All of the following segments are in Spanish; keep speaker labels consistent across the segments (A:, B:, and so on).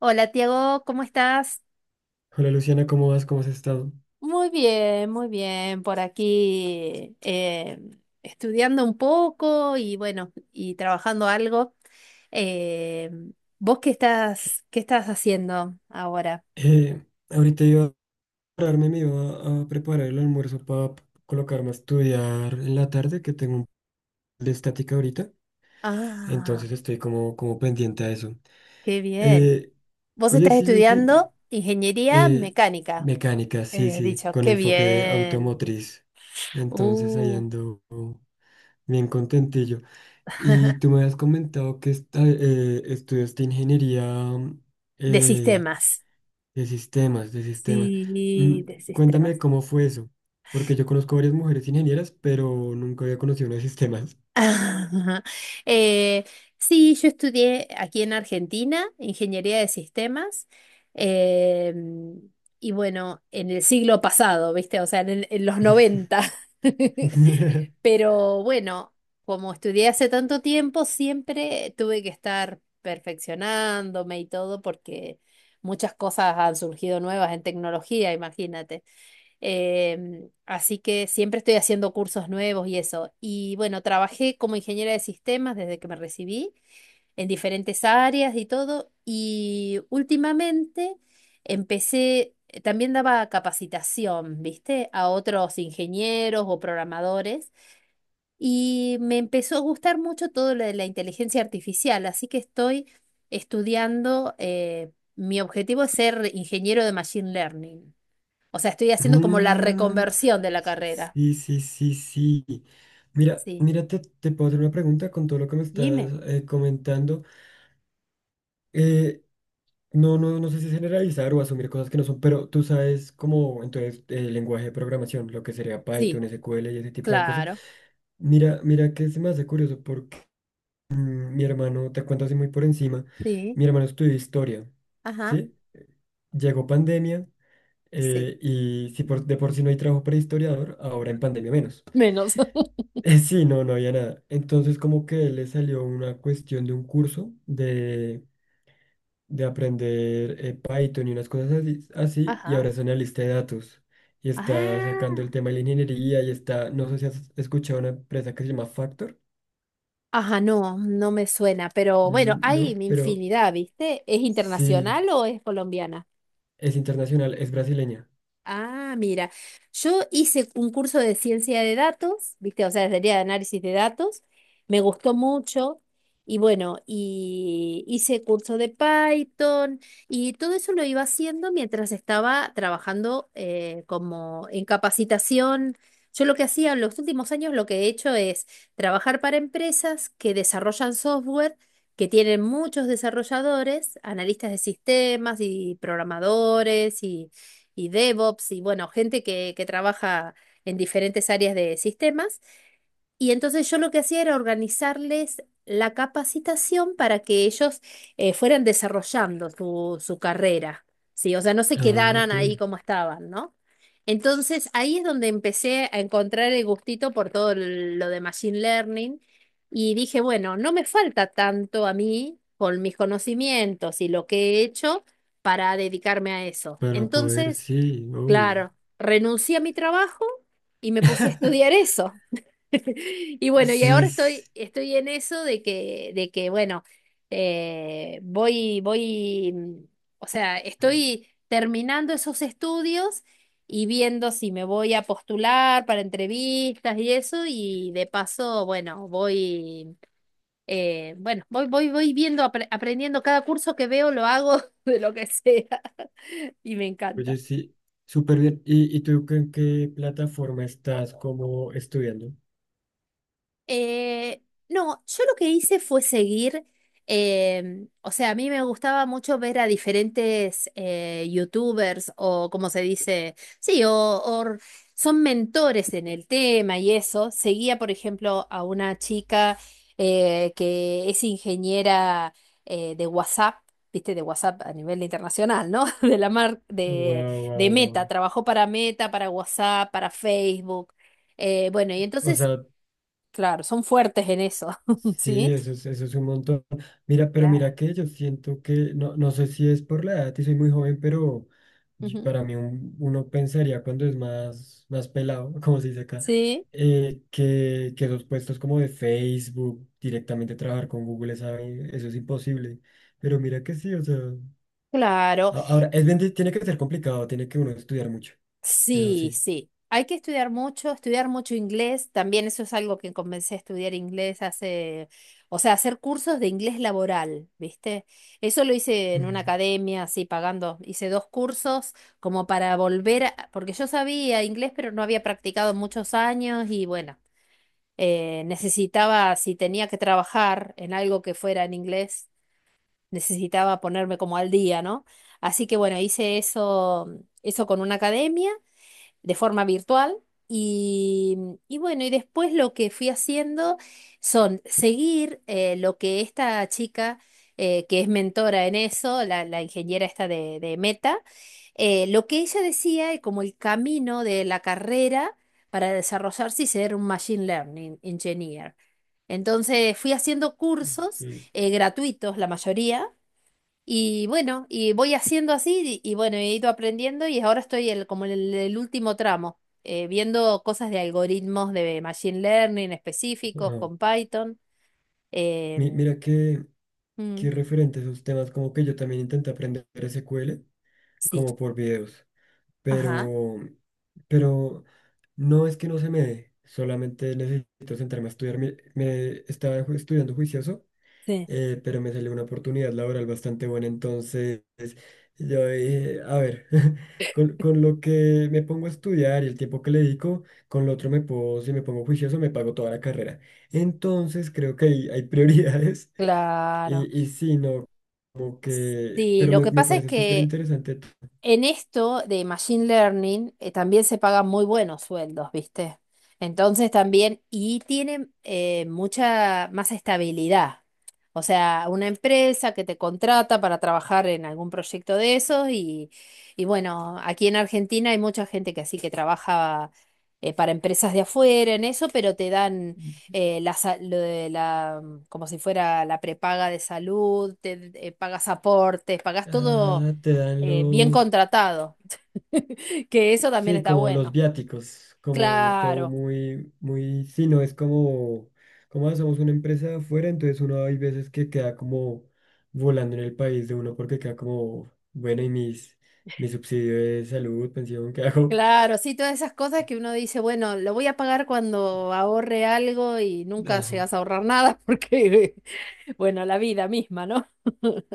A: Hola, Tiago, ¿cómo estás?
B: Hola Luciana, ¿cómo vas? ¿Cómo has estado?
A: Muy bien, muy bien. Por aquí estudiando un poco y bueno, y trabajando algo. Eh, ¿Vos qué estás haciendo ahora?
B: Eh, ahorita iba a prepararme, me iba a preparar el almuerzo para colocarme a estudiar en la tarde, que tengo un de estática ahorita,
A: Ah,
B: entonces estoy como, pendiente a eso.
A: qué bien.
B: Eh,
A: Vos
B: oye,
A: estás
B: sí, Lucy,
A: estudiando ingeniería
B: eh,
A: mecánica,
B: mecánica, sí, sí,
A: dicho,
B: con
A: qué
B: enfoque
A: bien.
B: automotriz, entonces ahí
A: Uh,
B: ando bien contentillo. Y tú me has comentado que estudiaste ingeniería,
A: de
B: eh,
A: sistemas.
B: de sistemas, de sistemas. Mm,
A: Sí, de
B: cuéntame
A: sistemas.
B: cómo fue eso, porque yo conozco varias mujeres ingenieras, pero nunca había conocido una de sistemas.
A: Ajá. Eh, sí, yo estudié aquí en Argentina ingeniería de sistemas em, y bueno, en el siglo pasado, ¿viste? O sea, en los noventa. Pero bueno, como estudié hace tanto tiempo, siempre tuve que estar perfeccionándome y todo porque muchas cosas han surgido nuevas en tecnología, imagínate. Así que siempre estoy haciendo cursos nuevos y eso. Y bueno, trabajé como ingeniera de sistemas desde que me recibí en diferentes áreas y todo. Y últimamente empecé, también daba capacitación, ¿viste? A otros ingenieros o programadores. Y me empezó a gustar mucho todo lo de la inteligencia artificial. Así que estoy estudiando, mi objetivo es ser ingeniero de Machine Learning. O sea, estoy haciendo como la
B: Mm,
A: reconversión de la carrera.
B: sí, sí. Mira,
A: Sí,
B: mira, te puedo hacer una pregunta con todo lo que me estás
A: dime.
B: comentando. Eh, no, no sé si generalizar o asumir cosas que no son, pero tú sabes cómo, entonces, el lenguaje de programación, lo que sería
A: Sí,
B: Python, SQL y ese tipo de cosas.
A: claro.
B: Mira que se me hace curioso. Mm, mi hermano, te cuento así muy por encima,
A: Sí,
B: mi hermano estudió historia,
A: ajá,
B: ¿sí? Llegó pandemia,
A: sí.
B: y si por, de por sí no hay trabajo para historiador, ahora en pandemia menos.
A: Menos.
B: Sí, no, había nada. Entonces como que le salió una cuestión de un curso de aprender Python y unas cosas así, así, y
A: Ajá.
B: ahora es analista de datos y está sacando el
A: Ah,
B: tema de la ingeniería y está, no sé si has escuchado una empresa que se llama Factor,
A: ajá, no, no me suena, pero bueno, hay
B: no, pero
A: infinidad, ¿viste? ¿Es
B: sí,
A: internacional o es colombiana?
B: es internacional, es brasileña.
A: Ah, mira, yo hice un curso de ciencia de datos, ¿viste? O sea, sería de análisis de datos, me gustó mucho y bueno, y hice curso de Python y todo eso lo iba haciendo mientras estaba trabajando como en capacitación. Yo lo que hacía en los últimos años, lo que he hecho es trabajar para empresas que desarrollan software, que tienen muchos desarrolladores, analistas de sistemas y programadores y DevOps y bueno, gente que trabaja en diferentes áreas de sistemas. Y entonces yo lo que hacía era organizarles la capacitación para que ellos fueran desarrollando su carrera, ¿sí? O sea, no se
B: Ah,
A: quedaran
B: ok.
A: ahí como estaban, ¿no? Entonces ahí es donde empecé a encontrar el gustito por lo de Machine Learning y dije, bueno, no me falta tanto a mí con mis conocimientos y lo que he hecho para dedicarme a eso.
B: Para poder,
A: Entonces
B: sí, obvio.
A: claro, renuncié a mi trabajo y me puse a estudiar eso. Y bueno, y
B: Sí,
A: ahora
B: sí.
A: estoy en eso de que bueno, eh, voy, voy, mm, o sea, estoy terminando esos estudios y viendo si me voy a postular para entrevistas y eso, y de paso, bueno, voy, voy viendo, aprendiendo cada curso que veo, lo hago de lo que sea, y me
B: Oye,
A: encanta.
B: sí, súper bien. Y tú en qué plataforma estás como estudiando?
A: Eh, no, yo lo que hice fue seguir, o sea, a mí me gustaba mucho ver a diferentes youtubers o como se dice, sí, son mentores en el tema y eso. Seguía, por ejemplo, a una chica que es ingeniera de WhatsApp. Viste, de WhatsApp a nivel internacional, ¿no? De la mar
B: Wow,
A: de Meta,
B: wow.
A: trabajó para Meta, para WhatsApp, para Facebook. Bueno, y
B: O
A: entonces
B: sea,
A: claro, son fuertes en eso,
B: sí,
A: ¿sí?
B: eso es un montón. Mira, pero
A: Claro.
B: mira que yo siento que, no, no sé si es por la edad y soy muy joven, pero y
A: Ujú.
B: para mí uno pensaría cuando es más, más pelado, como se dice acá,
A: Sí,
B: que, esos puestos como de Facebook, directamente trabajar con Google, ¿sabe? Eso es imposible. Pero mira que sí, o sea,
A: claro.
B: ahora, es bien, tiene que ser complicado, tiene que uno estudiar mucho, eso
A: Sí,
B: sí.
A: sí. Hay que estudiar mucho inglés. También eso es algo que comencé a estudiar inglés hace, o sea, hacer cursos de inglés laboral, ¿viste? Eso lo hice en
B: Ujú,
A: una academia, así pagando. Hice dos cursos como para volver, porque yo sabía inglés, pero no había practicado muchos años y bueno, necesitaba, si tenía que trabajar en algo que fuera en inglés. Necesitaba ponerme como al día, ¿no? Así que bueno, hice eso, eso con una academia de forma virtual y, y bueno, y después lo que fui haciendo son seguir lo que esta chica, que es mentora en eso, la ingeniera esta de Meta, lo que ella decía y como el camino de la carrera para desarrollarse y ser un Machine Learning Engineer. Entonces fui haciendo cursos
B: sí.
A: gratuitos, la mayoría, y bueno, y voy haciendo así y bueno, he ido aprendiendo y ahora como en el último tramo, viendo cosas de algoritmos de machine learning específicos con
B: Ah.
A: Python.
B: Mi-
A: em,
B: mira que,
A: mm,
B: que referente a esos temas, como que yo también intenté aprender SQL,
A: sí,
B: como por videos,
A: ajá,
B: pero, pero no es que no se me dé, solamente necesito sentarme a estudiar. Estaba estudiando juicioso,
A: sí,
B: pero me salió una oportunidad laboral bastante buena, entonces yo dije, a ver, con lo que me pongo a estudiar y el tiempo que le dedico, con lo otro me puedo, si me pongo juicioso, me pago toda la carrera. Entonces creo que hay prioridades
A: claro.
B: y sí, no, como que,
A: Sí,
B: pero
A: lo
B: me,
A: que
B: me
A: pasa es
B: parece súper
A: que
B: interesante.
A: en esto de Machine Learning también se pagan muy buenos sueldos, ¿viste? Entonces también, y tienen mucha más estabilidad. O sea, una empresa que te contrata para trabajar en algún proyecto de esos y bueno, aquí en Argentina hay mucha gente que así que trabaja para empresas de afuera en eso, pero te dan lo de como si fuera la prepaga de salud, te pagas aportes, pagas todo
B: Ah, te dan
A: bien
B: los...
A: contratado, que eso también
B: Sí,
A: está
B: como los
A: bueno.
B: viáticos, como todo
A: Claro,
B: muy, muy, sí, no es como, como hacemos una empresa de afuera, entonces uno hay veces que queda como volando en el país de uno porque queda como, bueno, y mis, mi subsidio de salud, pensión, ¿qué hago?
A: claro, sí, todas esas cosas que uno dice, bueno, lo voy a pagar cuando ahorre algo y nunca
B: Ajá.
A: llegas a ahorrar nada porque, bueno, la vida misma, ¿no?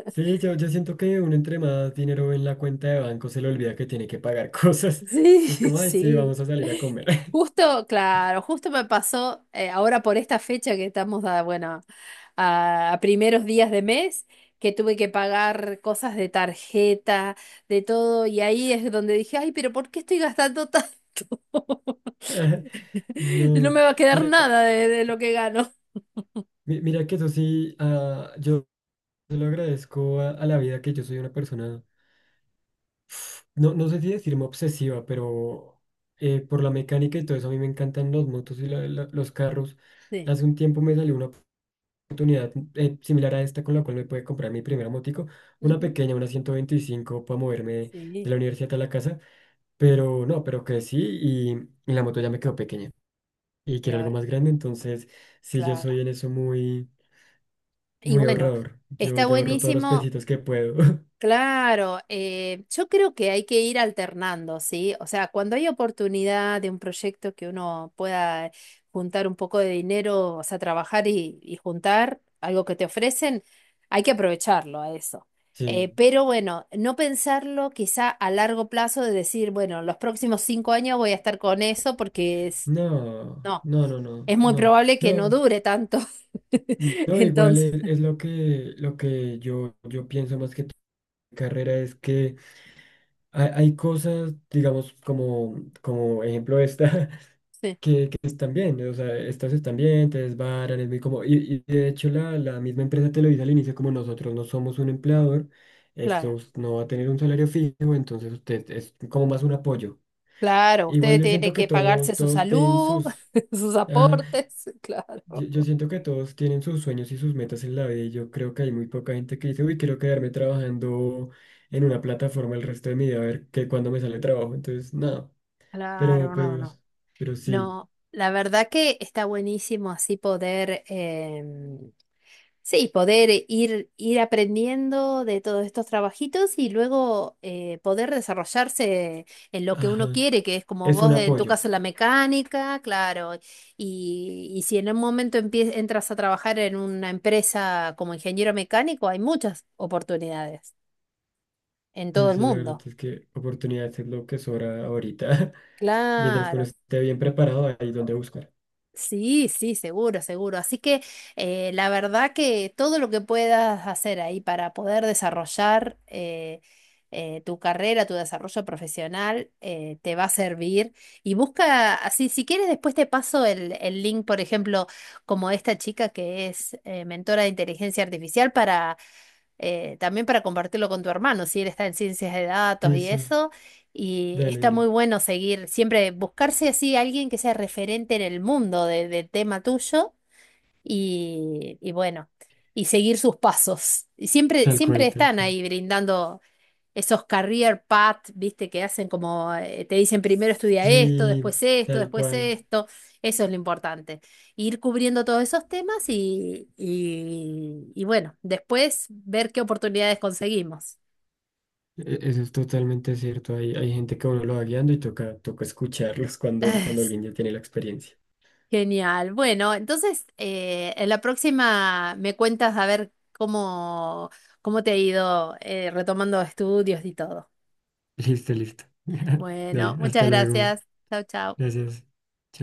B: Sí, yo siento que uno entre más dinero en la cuenta de banco se le olvida que tiene que pagar cosas.
A: Sí,
B: Es como, ay, sí,
A: sí.
B: vamos a salir a comer.
A: Justo, claro, justo me pasó ahora por esta fecha que estamos a, bueno, a primeros días de mes, que tuve que pagar cosas de tarjeta, de todo, y ahí es donde dije, ay, pero ¿por qué estoy gastando tanto? No
B: No,
A: me va a quedar
B: mira,
A: nada de, de lo que gano.
B: mira que eso sí, ah, yo se lo agradezco a la vida que yo soy una persona, no, no sé si decirme obsesiva, pero por la mecánica y todo eso a mí me encantan los motos y los carros.
A: Sí.
B: Hace un tiempo me salió una oportunidad, similar a esta con la cual me pude comprar mi primera motico, una
A: Ujú.
B: pequeña, una 125 para moverme de
A: Sí,
B: la universidad a la casa, pero no, pero que sí y la moto ya me quedó pequeña y
A: y
B: quiero algo
A: ahora,
B: más grande, entonces sí, yo
A: claro.
B: soy en eso muy,
A: Y
B: muy
A: bueno,
B: ahorrador. Yo,
A: está
B: yo ahorro todos los
A: buenísimo.
B: pesitos que puedo.
A: Claro, yo creo que hay que ir alternando, ¿sí? O sea, cuando hay oportunidad de un proyecto que uno pueda juntar un poco de dinero, o sea, trabajar y juntar algo que te ofrecen, hay que aprovecharlo a eso.
B: Sí.
A: Pero bueno, no pensarlo quizá a largo plazo de decir, bueno, los próximos cinco años voy a estar con eso porque es,
B: No,
A: no,
B: no, no,
A: es muy probable que no
B: no,
A: dure tanto.
B: no, igual
A: Entonces,
B: es lo que yo pienso más que tu carrera es que hay cosas, digamos, como, como ejemplo esta,
A: sí,
B: que están bien, o sea, estas están bien, te desbaran, es muy como, y de hecho la, la misma empresa te lo dice al inicio, como nosotros no somos un empleador,
A: claro.
B: no va a tener un salario fijo, entonces usted es como más un apoyo.
A: Claro,
B: Igual
A: usted
B: yo siento
A: tiene
B: que
A: que
B: todos,
A: pagarse su
B: todos tienen
A: salud,
B: sus...
A: sus
B: Ajá,
A: aportes,
B: yo
A: claro.
B: siento que todos tienen sus sueños y sus metas en la vida y yo creo que hay muy poca gente que dice, uy, quiero quedarme trabajando en una plataforma el resto de mi vida, a ver que cuando me sale trabajo. Entonces, nada, pero,
A: Claro, no, no.
B: pero sí,
A: No, la verdad que está buenísimo así poder, sí, poder ir aprendiendo de todos estos trabajitos y luego poder desarrollarse en lo que uno
B: ajá,
A: quiere, que es como
B: es un
A: vos en tu
B: apoyo.
A: caso la mecánica, claro, y si en un momento entras a trabajar en una empresa como ingeniero mecánico, hay muchas oportunidades en todo
B: Sí,
A: el
B: sí, la verdad
A: mundo.
B: es que oportunidades es lo que sobra ahorita. Mientras que uno
A: Claro.
B: esté bien preparado, hay donde buscar.
A: Sí, sí, seguro, seguro. Así que la verdad que todo lo que puedas hacer ahí para poder desarrollar tu carrera, tu desarrollo profesional, te va a servir. Y busca, así, si quieres, después te paso el link, por ejemplo, como esta chica que es mentora de inteligencia artificial también para compartirlo con tu hermano, si él está en ciencias de datos
B: Sí,
A: y
B: sí,
A: eso, y
B: dale,
A: está
B: dale.
A: muy bueno seguir, siempre buscarse así alguien que sea referente en el mundo del tema tuyo y bueno, y seguir sus pasos. Y siempre,
B: Tal cual,
A: siempre
B: tal
A: están
B: cual.
A: ahí brindando esos career path, viste, que hacen como, te dicen primero estudia esto,
B: Sí,
A: después esto,
B: tal
A: después
B: cual.
A: esto, eso es lo importante. Ir cubriendo todos esos temas y bueno, después ver qué oportunidades conseguimos.
B: E- eso es totalmente cierto. Hay gente que uno lo va guiando y toca, toca escucharlos cuando, cuando alguien ya tiene la experiencia.
A: Genial. Bueno, entonces, en la próxima me cuentas a ver cómo, cómo te ha ido retomando estudios y todo.
B: Listo, listo.
A: Bueno,
B: Dale,
A: muchas
B: hasta luego.
A: gracias. Chao, chao.
B: Gracias. Chao,